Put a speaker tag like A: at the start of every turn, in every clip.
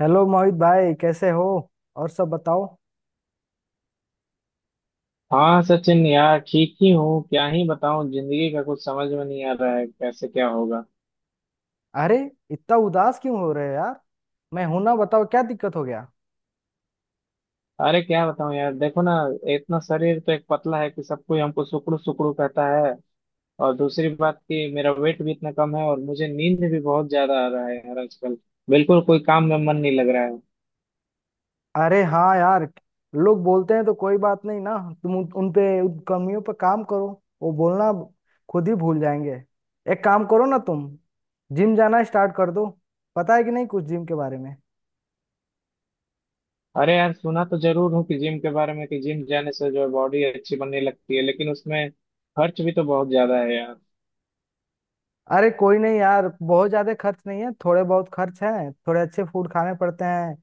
A: Hello Mohit भाई, कैसे हो? और सब बताओ।
B: हाँ सचिन यार ठीक ही हूँ। क्या ही बताऊँ? जिंदगी का कुछ समझ में नहीं आ रहा है, कैसे क्या होगा।
A: अरे, इतना उदास क्यों हो रहे हो यार? मैं हूं ना, बताओ क्या दिक्कत हो गया।
B: अरे क्या बताऊँ यार, देखो ना। इतना शरीर तो एक पतला है कि सब कोई हमको सुकड़ू सुकड़ू कहता है। और दूसरी बात कि मेरा वेट भी इतना कम है और मुझे नींद भी बहुत ज्यादा आ रहा है यार आजकल। बिल्कुल कोई काम में मन नहीं लग रहा है।
A: अरे हाँ यार, लोग बोलते हैं तो कोई बात नहीं ना। तुम उन उन पे उन कमियों पे काम करो, वो बोलना खुद ही भूल जाएंगे। एक काम करो ना तुम, जिम जाना स्टार्ट कर दो। पता है कि नहीं कुछ जिम के बारे में?
B: अरे यार, सुना तो जरूर हूँ कि जिम के बारे में, कि जिम जाने से जो बॉडी अच्छी बनने लगती है, लेकिन उसमें खर्च भी तो बहुत ज्यादा है यार।
A: अरे कोई नहीं यार, बहुत ज्यादा खर्च नहीं है, थोड़े बहुत खर्च हैं, थोड़े अच्छे फूड खाने पड़ते हैं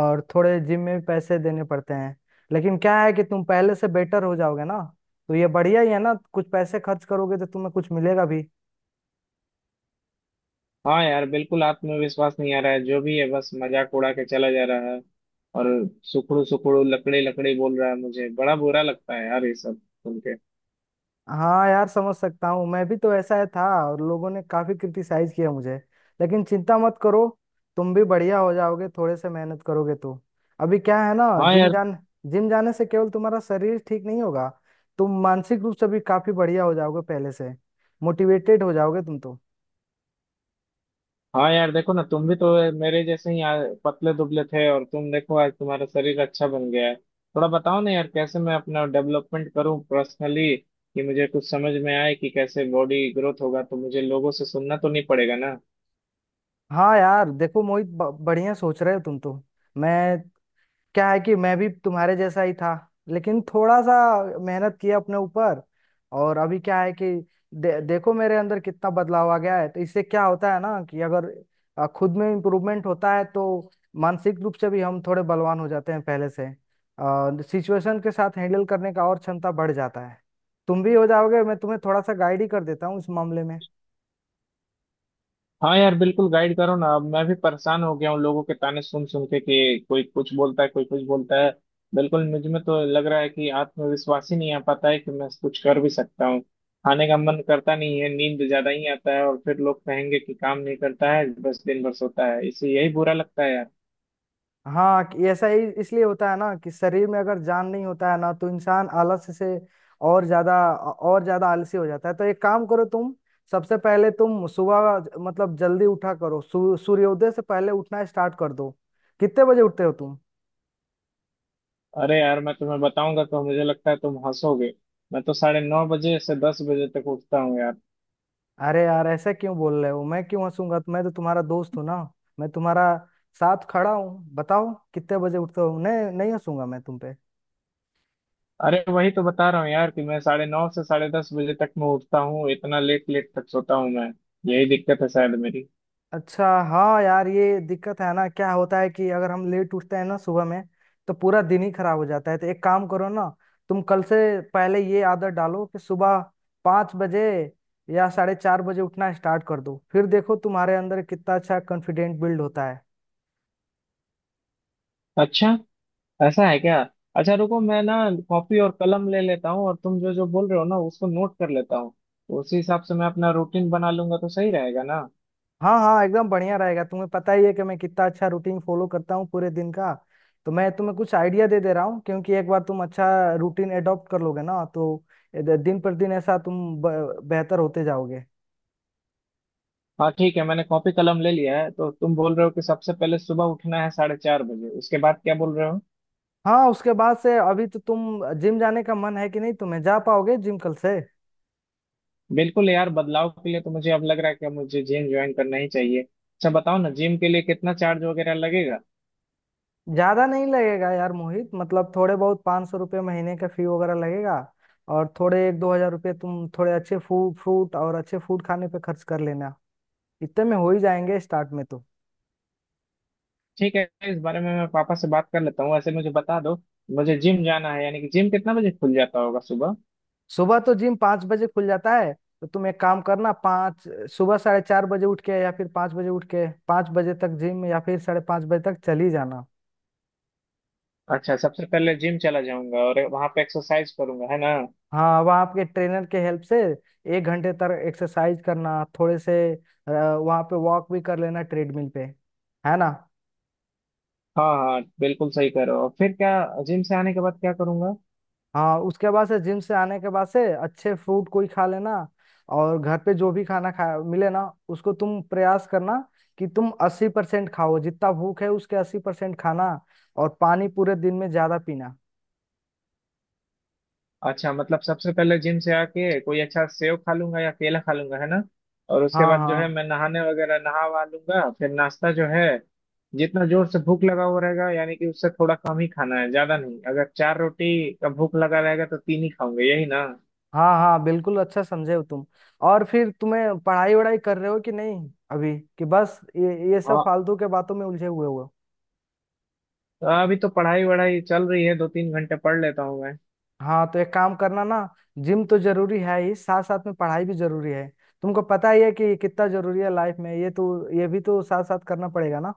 A: और थोड़े जिम में भी पैसे देने पड़ते हैं। लेकिन क्या है कि तुम पहले से बेटर हो जाओगे ना, तो ये बढ़िया ही है ना, कुछ पैसे खर्च करोगे तो तुम्हें कुछ मिलेगा भी।
B: हाँ यार, बिल्कुल आत्मविश्वास नहीं आ रहा है, जो भी है बस मजाक उड़ा के चला जा रहा है। और सुखड़ू सुखड़ू लकड़ी लकड़ी बोल रहा है, मुझे बड़ा बुरा लगता है यार ये सब सुन के।
A: हाँ यार, समझ सकता हूँ, मैं भी तो ऐसा है था। और लोगों ने काफी क्रिटिसाइज किया मुझे। लेकिन चिंता मत करो, तुम भी बढ़िया हो जाओगे, थोड़े से मेहनत करोगे तो। अभी क्या है ना,
B: हाँ
A: जिम
B: यार।
A: जान, जिम जाने से केवल तुम्हारा शरीर ठीक नहीं होगा, तुम मानसिक रूप से भी काफी बढ़िया हो जाओगे पहले से। मोटिवेटेड हो जाओगे तुम तो।
B: हाँ यार, देखो ना, तुम भी तो मेरे जैसे ही यार पतले दुबले थे, और तुम देखो आज तुम्हारा शरीर अच्छा बन गया है। थोड़ा बताओ ना यार कैसे मैं अपना डेवलपमेंट करूँ पर्सनली, कि मुझे कुछ समझ में आए कि कैसे बॉडी ग्रोथ होगा, तो मुझे लोगों से सुनना तो नहीं पड़ेगा ना।
A: हाँ यार, देखो मोहित, बढ़िया सोच रहे हो तुम तो। मैं, क्या है कि मैं भी तुम्हारे जैसा ही था, लेकिन थोड़ा सा मेहनत किया अपने ऊपर। और अभी क्या है कि देखो मेरे अंदर कितना बदलाव आ गया है। तो इससे क्या होता है ना कि अगर खुद में इम्प्रूवमेंट होता है तो मानसिक रूप से भी हम थोड़े बलवान हो जाते हैं पहले से। सिचुएशन के साथ हैंडल करने का और क्षमता बढ़ जाता है। तुम भी हो जाओगे। मैं तुम्हें थोड़ा सा गाइड ही कर देता हूँ इस मामले में।
B: हाँ यार, बिल्कुल गाइड करो ना, अब मैं भी परेशान हो गया हूँ लोगों के ताने सुन सुन के, कि कोई कुछ बोलता है, कोई कुछ बोलता है। बिल्कुल मुझ में तो लग रहा है कि आत्मविश्वास ही नहीं आ पाता है कि मैं कुछ कर भी सकता हूँ। खाने का मन करता नहीं है, नींद ज्यादा ही आता है, और फिर लोग कहेंगे कि काम नहीं करता है बस दिन भर सोता है, इसे यही बुरा लगता है यार।
A: हाँ, कि ऐसा ही इसलिए होता है ना कि शरीर में अगर जान नहीं होता है ना तो इंसान आलस से और ज्यादा आलसी हो जाता है। तो एक काम करो तुम, सबसे पहले तुम सुबह मतलब जल्दी उठा करो। सूर्योदय से पहले उठना स्टार्ट कर दो। कितने बजे उठते हो तुम?
B: अरे यार मैं तुम्हें बताऊंगा तो मुझे लगता है तुम हंसोगे। मैं तो 9:30 बजे से 10 बजे तक उठता हूँ यार।
A: अरे यार, ऐसा क्यों बोल रहे हो? मैं क्यों हंसूंगा, मैं तो तुम्हारा दोस्त हूँ ना। मैं तुम्हारा साथ खड़ा हूँ, बताओ कितने बजे उठते हो, नहीं नहीं हंसूंगा मैं तुम पे।
B: अरे, वही तो बता रहा हूँ यार, कि मैं 9:30 से 10:30 बजे तक मैं उठता हूँ, इतना लेट लेट तक सोता हूँ मैं। यही दिक्कत है शायद मेरी।
A: अच्छा, हाँ यार, ये दिक्कत है ना, क्या होता है कि अगर हम लेट उठते हैं ना सुबह में, तो पूरा दिन ही खराब हो जाता है। तो एक काम करो ना तुम, कल से पहले ये आदत डालो कि सुबह 5 बजे या 4:30 बजे उठना स्टार्ट कर दो। फिर देखो तुम्हारे अंदर कितना अच्छा कॉन्फिडेंट बिल्ड होता है।
B: अच्छा, ऐसा है क्या? अच्छा रुको, मैं ना कॉपी और कलम ले लेता हूँ और तुम जो जो बोल रहे हो ना उसको नोट कर लेता हूँ। उसी हिसाब से मैं अपना रूटीन बना लूंगा तो सही रहेगा ना।
A: हाँ हाँ, एकदम बढ़िया रहेगा। तुम्हें पता ही है कि मैं कितना अच्छा रूटीन फॉलो करता हूँ पूरे दिन का। तो मैं तुम्हें कुछ आइडिया दे दे रहा हूँ, क्योंकि एक बार तुम अच्छा रूटीन एडॉप्ट कर लोगे ना तो दिन पर दिन ऐसा तुम बेहतर होते जाओगे।
B: हाँ ठीक है, मैंने कॉपी कलम ले लिया है, तो तुम बोल रहे हो कि सबसे पहले सुबह उठना है 4:30 बजे, उसके बाद क्या बोल रहे हो?
A: हाँ, उसके बाद से अभी तो तुम जिम जाने का मन है कि नहीं? तुम्हें जा पाओगे जिम कल से?
B: बिल्कुल यार, बदलाव के लिए तो मुझे अब लग रहा है कि मुझे जिम ज्वाइन करना ही चाहिए। अच्छा, बताओ ना जिम के लिए कितना चार्ज वगैरह लगेगा।
A: ज्यादा नहीं लगेगा यार मोहित, मतलब थोड़े बहुत 500 रुपये महीने का फी वगैरह लगेगा। और थोड़े एक दो हजार रुपये तुम थोड़े अच्छे फूड फ्रूट और अच्छे फूड खाने पे खर्च कर लेना। इतने में हो ही जाएंगे स्टार्ट में तो।
B: ठीक है, इस बारे में मैं पापा से बात कर लेता हूँ, वैसे मुझे बता दो, मुझे जिम जाना है, यानी कि जिम कितना बजे खुल जाता होगा सुबह।
A: सुबह तो जिम 5 बजे खुल जाता है। तो तुम एक काम करना, पाँच सुबह 4:30 बजे उठ के या फिर 5 बजे उठ के 5 बजे तक जिम या फिर 5:30 बजे तक चली जाना।
B: अच्छा सबसे पहले जिम चला जाऊंगा और वहां पे एक्सरसाइज करूंगा, है ना?
A: हाँ, वहाँ आपके ट्रेनर के हेल्प से एक घंटे तक एक्सरसाइज करना। थोड़े से वहाँ पे वॉक भी कर लेना ट्रेडमिल पे, है ना।
B: हाँ हाँ बिल्कुल सही करो, और फिर क्या? जिम से आने के बाद क्या करूंगा?
A: हाँ, उसके बाद से जिम से आने के बाद से अच्छे फ्रूट कोई खा लेना। और घर पे जो भी खाना खा मिले ना, उसको तुम प्रयास करना कि तुम 80% खाओ। जितना भूख है उसके 80% खाना। और पानी पूरे दिन में ज्यादा पीना।
B: अच्छा, मतलब सबसे पहले जिम से आके कोई अच्छा सेव खा लूंगा या केला खा लूंगा, है ना? और उसके
A: हाँ
B: बाद जो है
A: हाँ।
B: मैं नहाने वगैरह नहा वहा लूंगा, फिर नाश्ता जो है जितना जोर से भूख लगा हुआ रहेगा यानी कि उससे थोड़ा कम ही खाना है, ज्यादा नहीं। अगर चार रोटी का भूख लगा रहेगा तो तीन ही खाऊंगे, यही ना?
A: हाँ हाँ बिल्कुल, अच्छा समझे हो तुम। और फिर तुम्हें पढ़ाई वढ़ाई कर रहे हो कि नहीं अभी, कि बस ये सब
B: हाँ,
A: फालतू के बातों में उलझे हुए हो?
B: तो अभी तो पढ़ाई वढ़ाई चल रही है, 2-3 घंटे पढ़ लेता हूँ मैं।
A: हाँ, तो एक काम करना ना, जिम तो जरूरी है ही, साथ साथ में पढ़ाई भी जरूरी है। तुमको पता ही है कि कितना जरूरी है लाइफ में ये, तो ये भी तो साथ साथ करना पड़ेगा ना।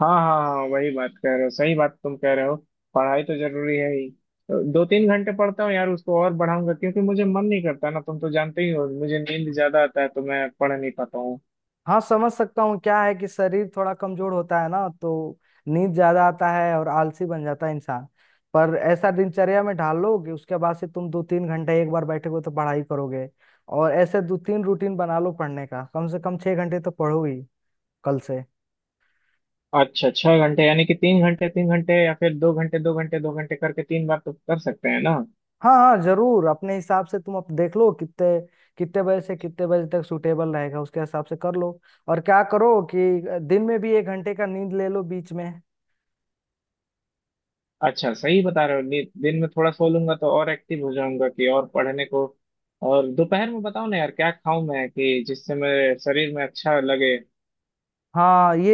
B: हाँ हाँ हाँ, वही बात कह रहे हो, सही बात तुम कह रहे हो। पढ़ाई तो जरूरी है ही, 2-3 घंटे पढ़ता हूँ यार, उसको और बढ़ाऊंगा, क्योंकि मुझे मन नहीं करता ना, तुम तो जानते ही हो मुझे नींद ज्यादा आता है तो मैं पढ़ नहीं पाता हूँ।
A: हाँ, समझ सकता हूँ, क्या है कि शरीर थोड़ा कमजोर होता है ना तो नींद ज्यादा आता है और आलसी बन जाता है इंसान। पर ऐसा दिनचर्या में ढाल लो कि उसके बाद से तुम 2-3 घंटे एक बार बैठोगे तो पढ़ाई करोगे। और ऐसे दो तीन रूटीन बना लो पढ़ने का। कम से कम 6 घंटे तो पढ़ो ही कल से।
B: अच्छा 6 घंटे, यानी कि 3 घंटे 3 घंटे या फिर 2 घंटे 2 घंटे 2 घंटे करके तीन बार तो कर सकते हैं ना।
A: हाँ हाँ जरूर, अपने हिसाब से तुम अप देख लो कितने, कितने बजे से कितने बजे तक सूटेबल रहेगा उसके हिसाब से कर लो। और क्या करो कि दिन में भी एक घंटे का नींद ले लो बीच में।
B: अच्छा सही बता रहे हो। दिन में थोड़ा सो लूंगा तो और एक्टिव हो जाऊंगा कि और पढ़ने को। और दोपहर में बताओ ना यार क्या खाऊं मैं कि जिससे मेरे शरीर में अच्छा लगे।
A: हाँ ये,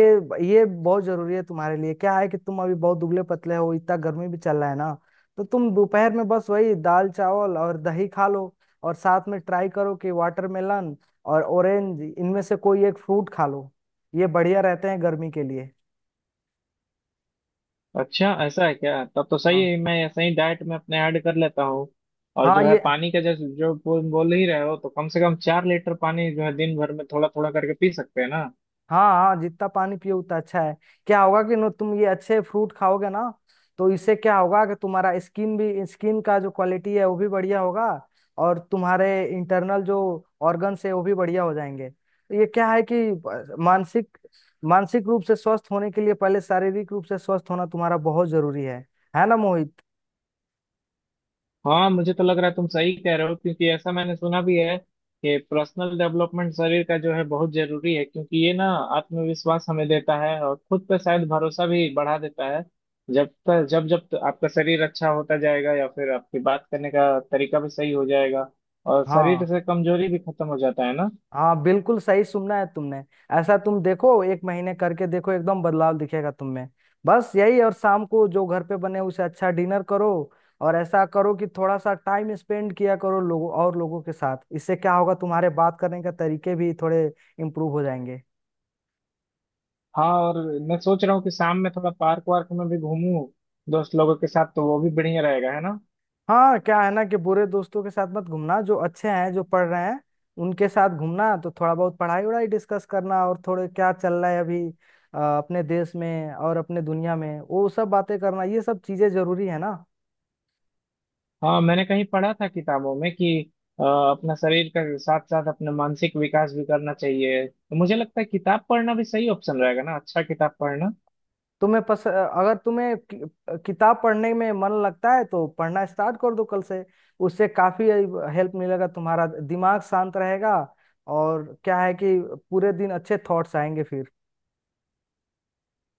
A: बहुत जरूरी है तुम्हारे लिए। क्या है कि तुम अभी बहुत दुबले पतले हो, इतना गर्मी भी चल रहा है ना। तो तुम दोपहर में बस वही दाल चावल और दही खा लो। और साथ में ट्राई करो कि वाटरमेलन और ऑरेंज, इनमें से कोई एक फ्रूट खा लो। ये बढ़िया रहते हैं गर्मी के लिए।
B: अच्छा ऐसा है क्या, तब तो सही
A: हाँ
B: है, मैं ये सही डाइट में अपने ऐड कर लेता हूँ। और
A: हाँ
B: जो है
A: ये,
B: पानी का, जैसे जो बोल बोल ही रहे हो, तो कम से कम 4 लीटर पानी जो है दिन भर में थोड़ा थोड़ा करके पी सकते हैं ना।
A: हाँ हाँ, जितना पानी पियो उतना अच्छा है। क्या होगा कि नो तुम ये अच्छे फ्रूट खाओगे ना, तो इससे क्या होगा कि तुम्हारा स्किन का जो क्वालिटी है वो भी बढ़िया होगा। और तुम्हारे इंटरनल जो ऑर्गन्स है वो भी बढ़िया हो जाएंगे। तो ये क्या है कि मानसिक मानसिक रूप से स्वस्थ होने के लिए पहले शारीरिक रूप से स्वस्थ होना तुम्हारा बहुत जरूरी है ना मोहित?
B: हाँ मुझे तो लग रहा है तुम सही कह रहे हो, क्योंकि ऐसा मैंने सुना भी है कि पर्सनल डेवलपमेंट शरीर का जो है बहुत जरूरी है, क्योंकि ये ना आत्मविश्वास हमें देता है और खुद पे शायद भरोसा भी बढ़ा देता है। जब तक आपका शरीर अच्छा होता जाएगा या फिर आपकी बात करने का तरीका भी सही हो जाएगा, और
A: हाँ
B: शरीर से कमजोरी भी खत्म हो जाता है ना।
A: हाँ बिल्कुल, सही सुनना है तुमने। ऐसा तुम देखो, एक महीने करके देखो, एकदम बदलाव दिखेगा तुम में। बस यही। और शाम को जो घर पे बने उसे अच्छा डिनर करो। और ऐसा करो कि थोड़ा सा टाइम स्पेंड किया करो लोगों और लोगों के साथ, इससे क्या होगा तुम्हारे बात करने के तरीके भी थोड़े इम्प्रूव हो जाएंगे।
B: हाँ, और मैं सोच रहा हूँ कि शाम में थोड़ा पार्क वार्क में भी घूमूं दोस्त लोगों के साथ, तो वो भी बढ़िया रहेगा, है ना।
A: हाँ, क्या है ना कि बुरे दोस्तों के साथ मत घूमना। जो अच्छे हैं, जो पढ़ रहे हैं उनके साथ घूमना। तो थोड़ा बहुत पढ़ाई वढ़ाई डिस्कस करना। और थोड़े क्या चल रहा है अभी अपने देश में और अपने दुनिया में, वो सब बातें करना। ये सब चीजें जरूरी है ना।
B: हाँ, मैंने कहीं पढ़ा था किताबों में कि अपना शरीर का साथ साथ अपना मानसिक विकास भी करना चाहिए, तो मुझे लगता है किताब पढ़ना भी सही ऑप्शन रहेगा ना, अच्छा किताब पढ़ना।
A: तुम्हें पस अगर तुम्हें किताब पढ़ने में मन लगता है तो पढ़ना स्टार्ट कर दो कल से। उससे काफी हेल्प मिलेगा। तुम्हारा दिमाग शांत रहेगा। और क्या है कि पूरे दिन अच्छे थॉट्स आएंगे फिर।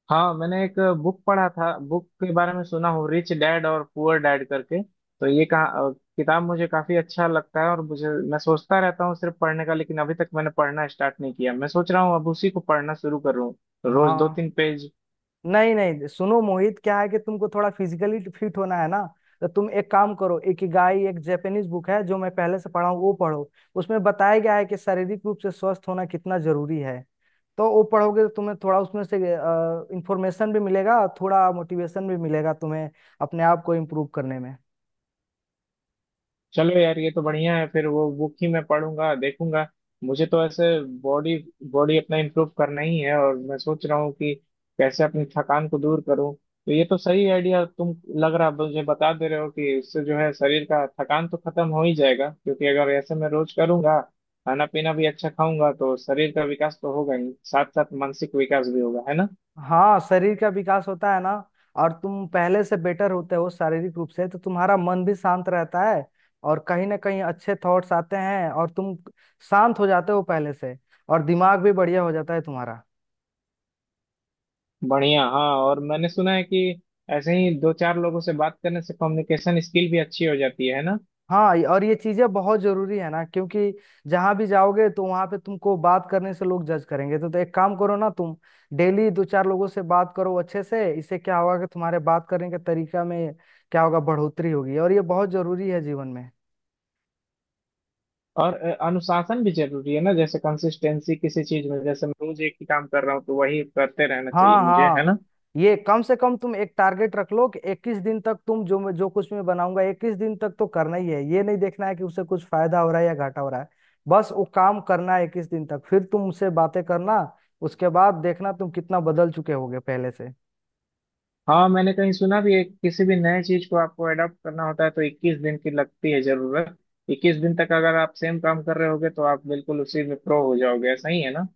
B: हाँ, मैंने एक बुक पढ़ा था, बुक के बारे में सुना हूँ रिच डैड और पुअर डैड करके, तो किताब मुझे काफी अच्छा लगता है और मुझे मैं सोचता रहता हूँ सिर्फ पढ़ने का, लेकिन अभी तक मैंने पढ़ना स्टार्ट नहीं किया। मैं सोच रहा हूँ अब उसी को पढ़ना शुरू करूँ, रोज दो
A: हाँ।
B: तीन पेज
A: नहीं नहीं सुनो मोहित, क्या है कि तुमको थोड़ा फिजिकली फिट होना है ना, तो तुम एक काम करो, इकिगाई एक जापानीज बुक है जो मैं पहले से पढ़ा हूँ, वो पढ़ो। उसमें बताया गया है कि शारीरिक रूप से स्वस्थ होना कितना जरूरी है। तो वो पढ़ोगे तो तुम्हें थोड़ा उसमें से इंफॉर्मेशन भी मिलेगा और थोड़ा मोटिवेशन भी मिलेगा तुम्हें अपने आप को इम्प्रूव करने में।
B: चलो यार, ये तो बढ़िया है, फिर वो बुक ही मैं पढ़ूंगा देखूंगा। मुझे तो ऐसे बॉडी बॉडी अपना इम्प्रूव करना ही है, और मैं सोच रहा हूँ कि कैसे अपनी थकान को दूर करूँ। तो ये तो सही आइडिया तुम लग रहा मुझे बता दे रहे हो कि इससे जो है शरीर का थकान तो खत्म हो ही जाएगा, क्योंकि अगर ऐसे मैं रोज करूंगा, खाना पीना भी अच्छा खाऊंगा तो शरीर का विकास तो होगा ही, साथ साथ मानसिक विकास भी होगा, है ना।
A: हाँ, शरीर का विकास होता है ना, और तुम पहले से बेटर होते हो शारीरिक रूप से, तो तुम्हारा मन भी शांत रहता है। और कहीं ना कहीं अच्छे थॉट्स आते हैं और तुम शांत हो जाते हो पहले से। और दिमाग भी बढ़िया हो जाता है तुम्हारा।
B: बढ़िया, हाँ। और मैंने सुना है कि ऐसे ही दो चार लोगों से बात करने से कम्युनिकेशन स्किल भी अच्छी हो जाती है ना?
A: हाँ और ये चीजें बहुत जरूरी है ना, क्योंकि जहां भी जाओगे तो वहां पे तुमको बात करने से लोग जज करेंगे। तो एक काम करो ना तुम, डेली दो चार लोगों से बात करो अच्छे से, इससे क्या होगा कि तुम्हारे बात करने के तरीका में क्या होगा, बढ़ोतरी होगी। और ये बहुत जरूरी है जीवन में।
B: और अनुशासन भी जरूरी है ना, जैसे कंसिस्टेंसी किसी चीज में, जैसे मैं रोज एक ही काम कर रहा हूँ तो वही करते रहना
A: हाँ
B: चाहिए मुझे, है
A: हाँ,
B: ना?
A: ये कम से कम तुम एक टारगेट रख लो कि 21 दिन तक तुम जो जो कुछ मैं बनाऊंगा 21 दिन तक तो करना ही है। ये नहीं देखना है कि उसे कुछ फायदा हो रहा है या घाटा हो रहा है, बस वो काम करना है 21 दिन तक। फिर तुम उससे बातें करना, उसके बाद देखना तुम कितना बदल चुके होगे पहले से।
B: हाँ मैंने कहीं सुना भी है कि किसी भी नए चीज को आपको एडॉप्ट करना होता है तो 21 दिन की लगती है जरूरत। 21 दिन तक अगर आप सेम काम कर रहे होगे तो आप बिल्कुल उसी में प्रो हो जाओगे, ऐसा ही है ना।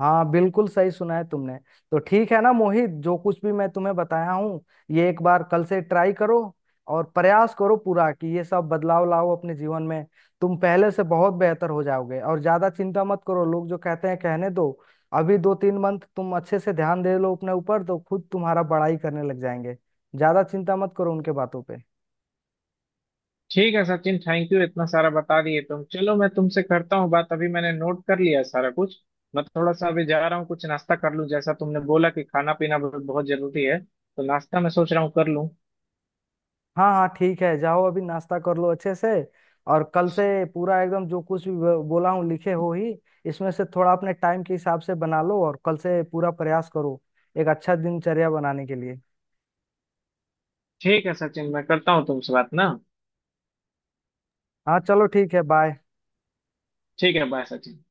A: हाँ बिल्कुल सही सुना है तुमने। तो ठीक है ना मोहित, जो कुछ भी मैं तुम्हें बताया हूँ, ये एक बार कल से ट्राई करो। और प्रयास करो पूरा कि ये सब बदलाव लाओ अपने जीवन में। तुम पहले से बहुत बेहतर हो जाओगे और ज्यादा चिंता मत करो। लोग जो कहते हैं कहने दो। अभी 2-3 मंथ तुम अच्छे से ध्यान दे लो अपने ऊपर तो खुद तुम्हारा बड़ाई करने लग जाएंगे। ज्यादा चिंता मत करो उनके बातों पे।
B: ठीक है सचिन, थैंक यू इतना सारा बता दिए तुम। चलो मैं तुमसे करता हूँ बात, अभी मैंने नोट कर लिया है सारा कुछ। मैं थोड़ा सा अभी जा रहा हूँ कुछ नाश्ता कर लूँ, जैसा तुमने बोला कि खाना पीना बहुत बहुत जरूरी है, तो नाश्ता मैं सोच रहा हूँ कर लूँ।
A: हाँ हाँ ठीक है, जाओ अभी नाश्ता कर लो अच्छे से। और कल से पूरा एकदम जो कुछ भी बोला हूँ लिखे हो ही, इसमें से थोड़ा अपने टाइम के हिसाब से बना लो और कल से पूरा प्रयास करो एक अच्छा दिनचर्या बनाने के लिए।
B: ठीक है सचिन, मैं करता हूँ तुमसे बात ना।
A: हाँ चलो ठीक है, बाय।
B: ठीक है, बाय सचिन।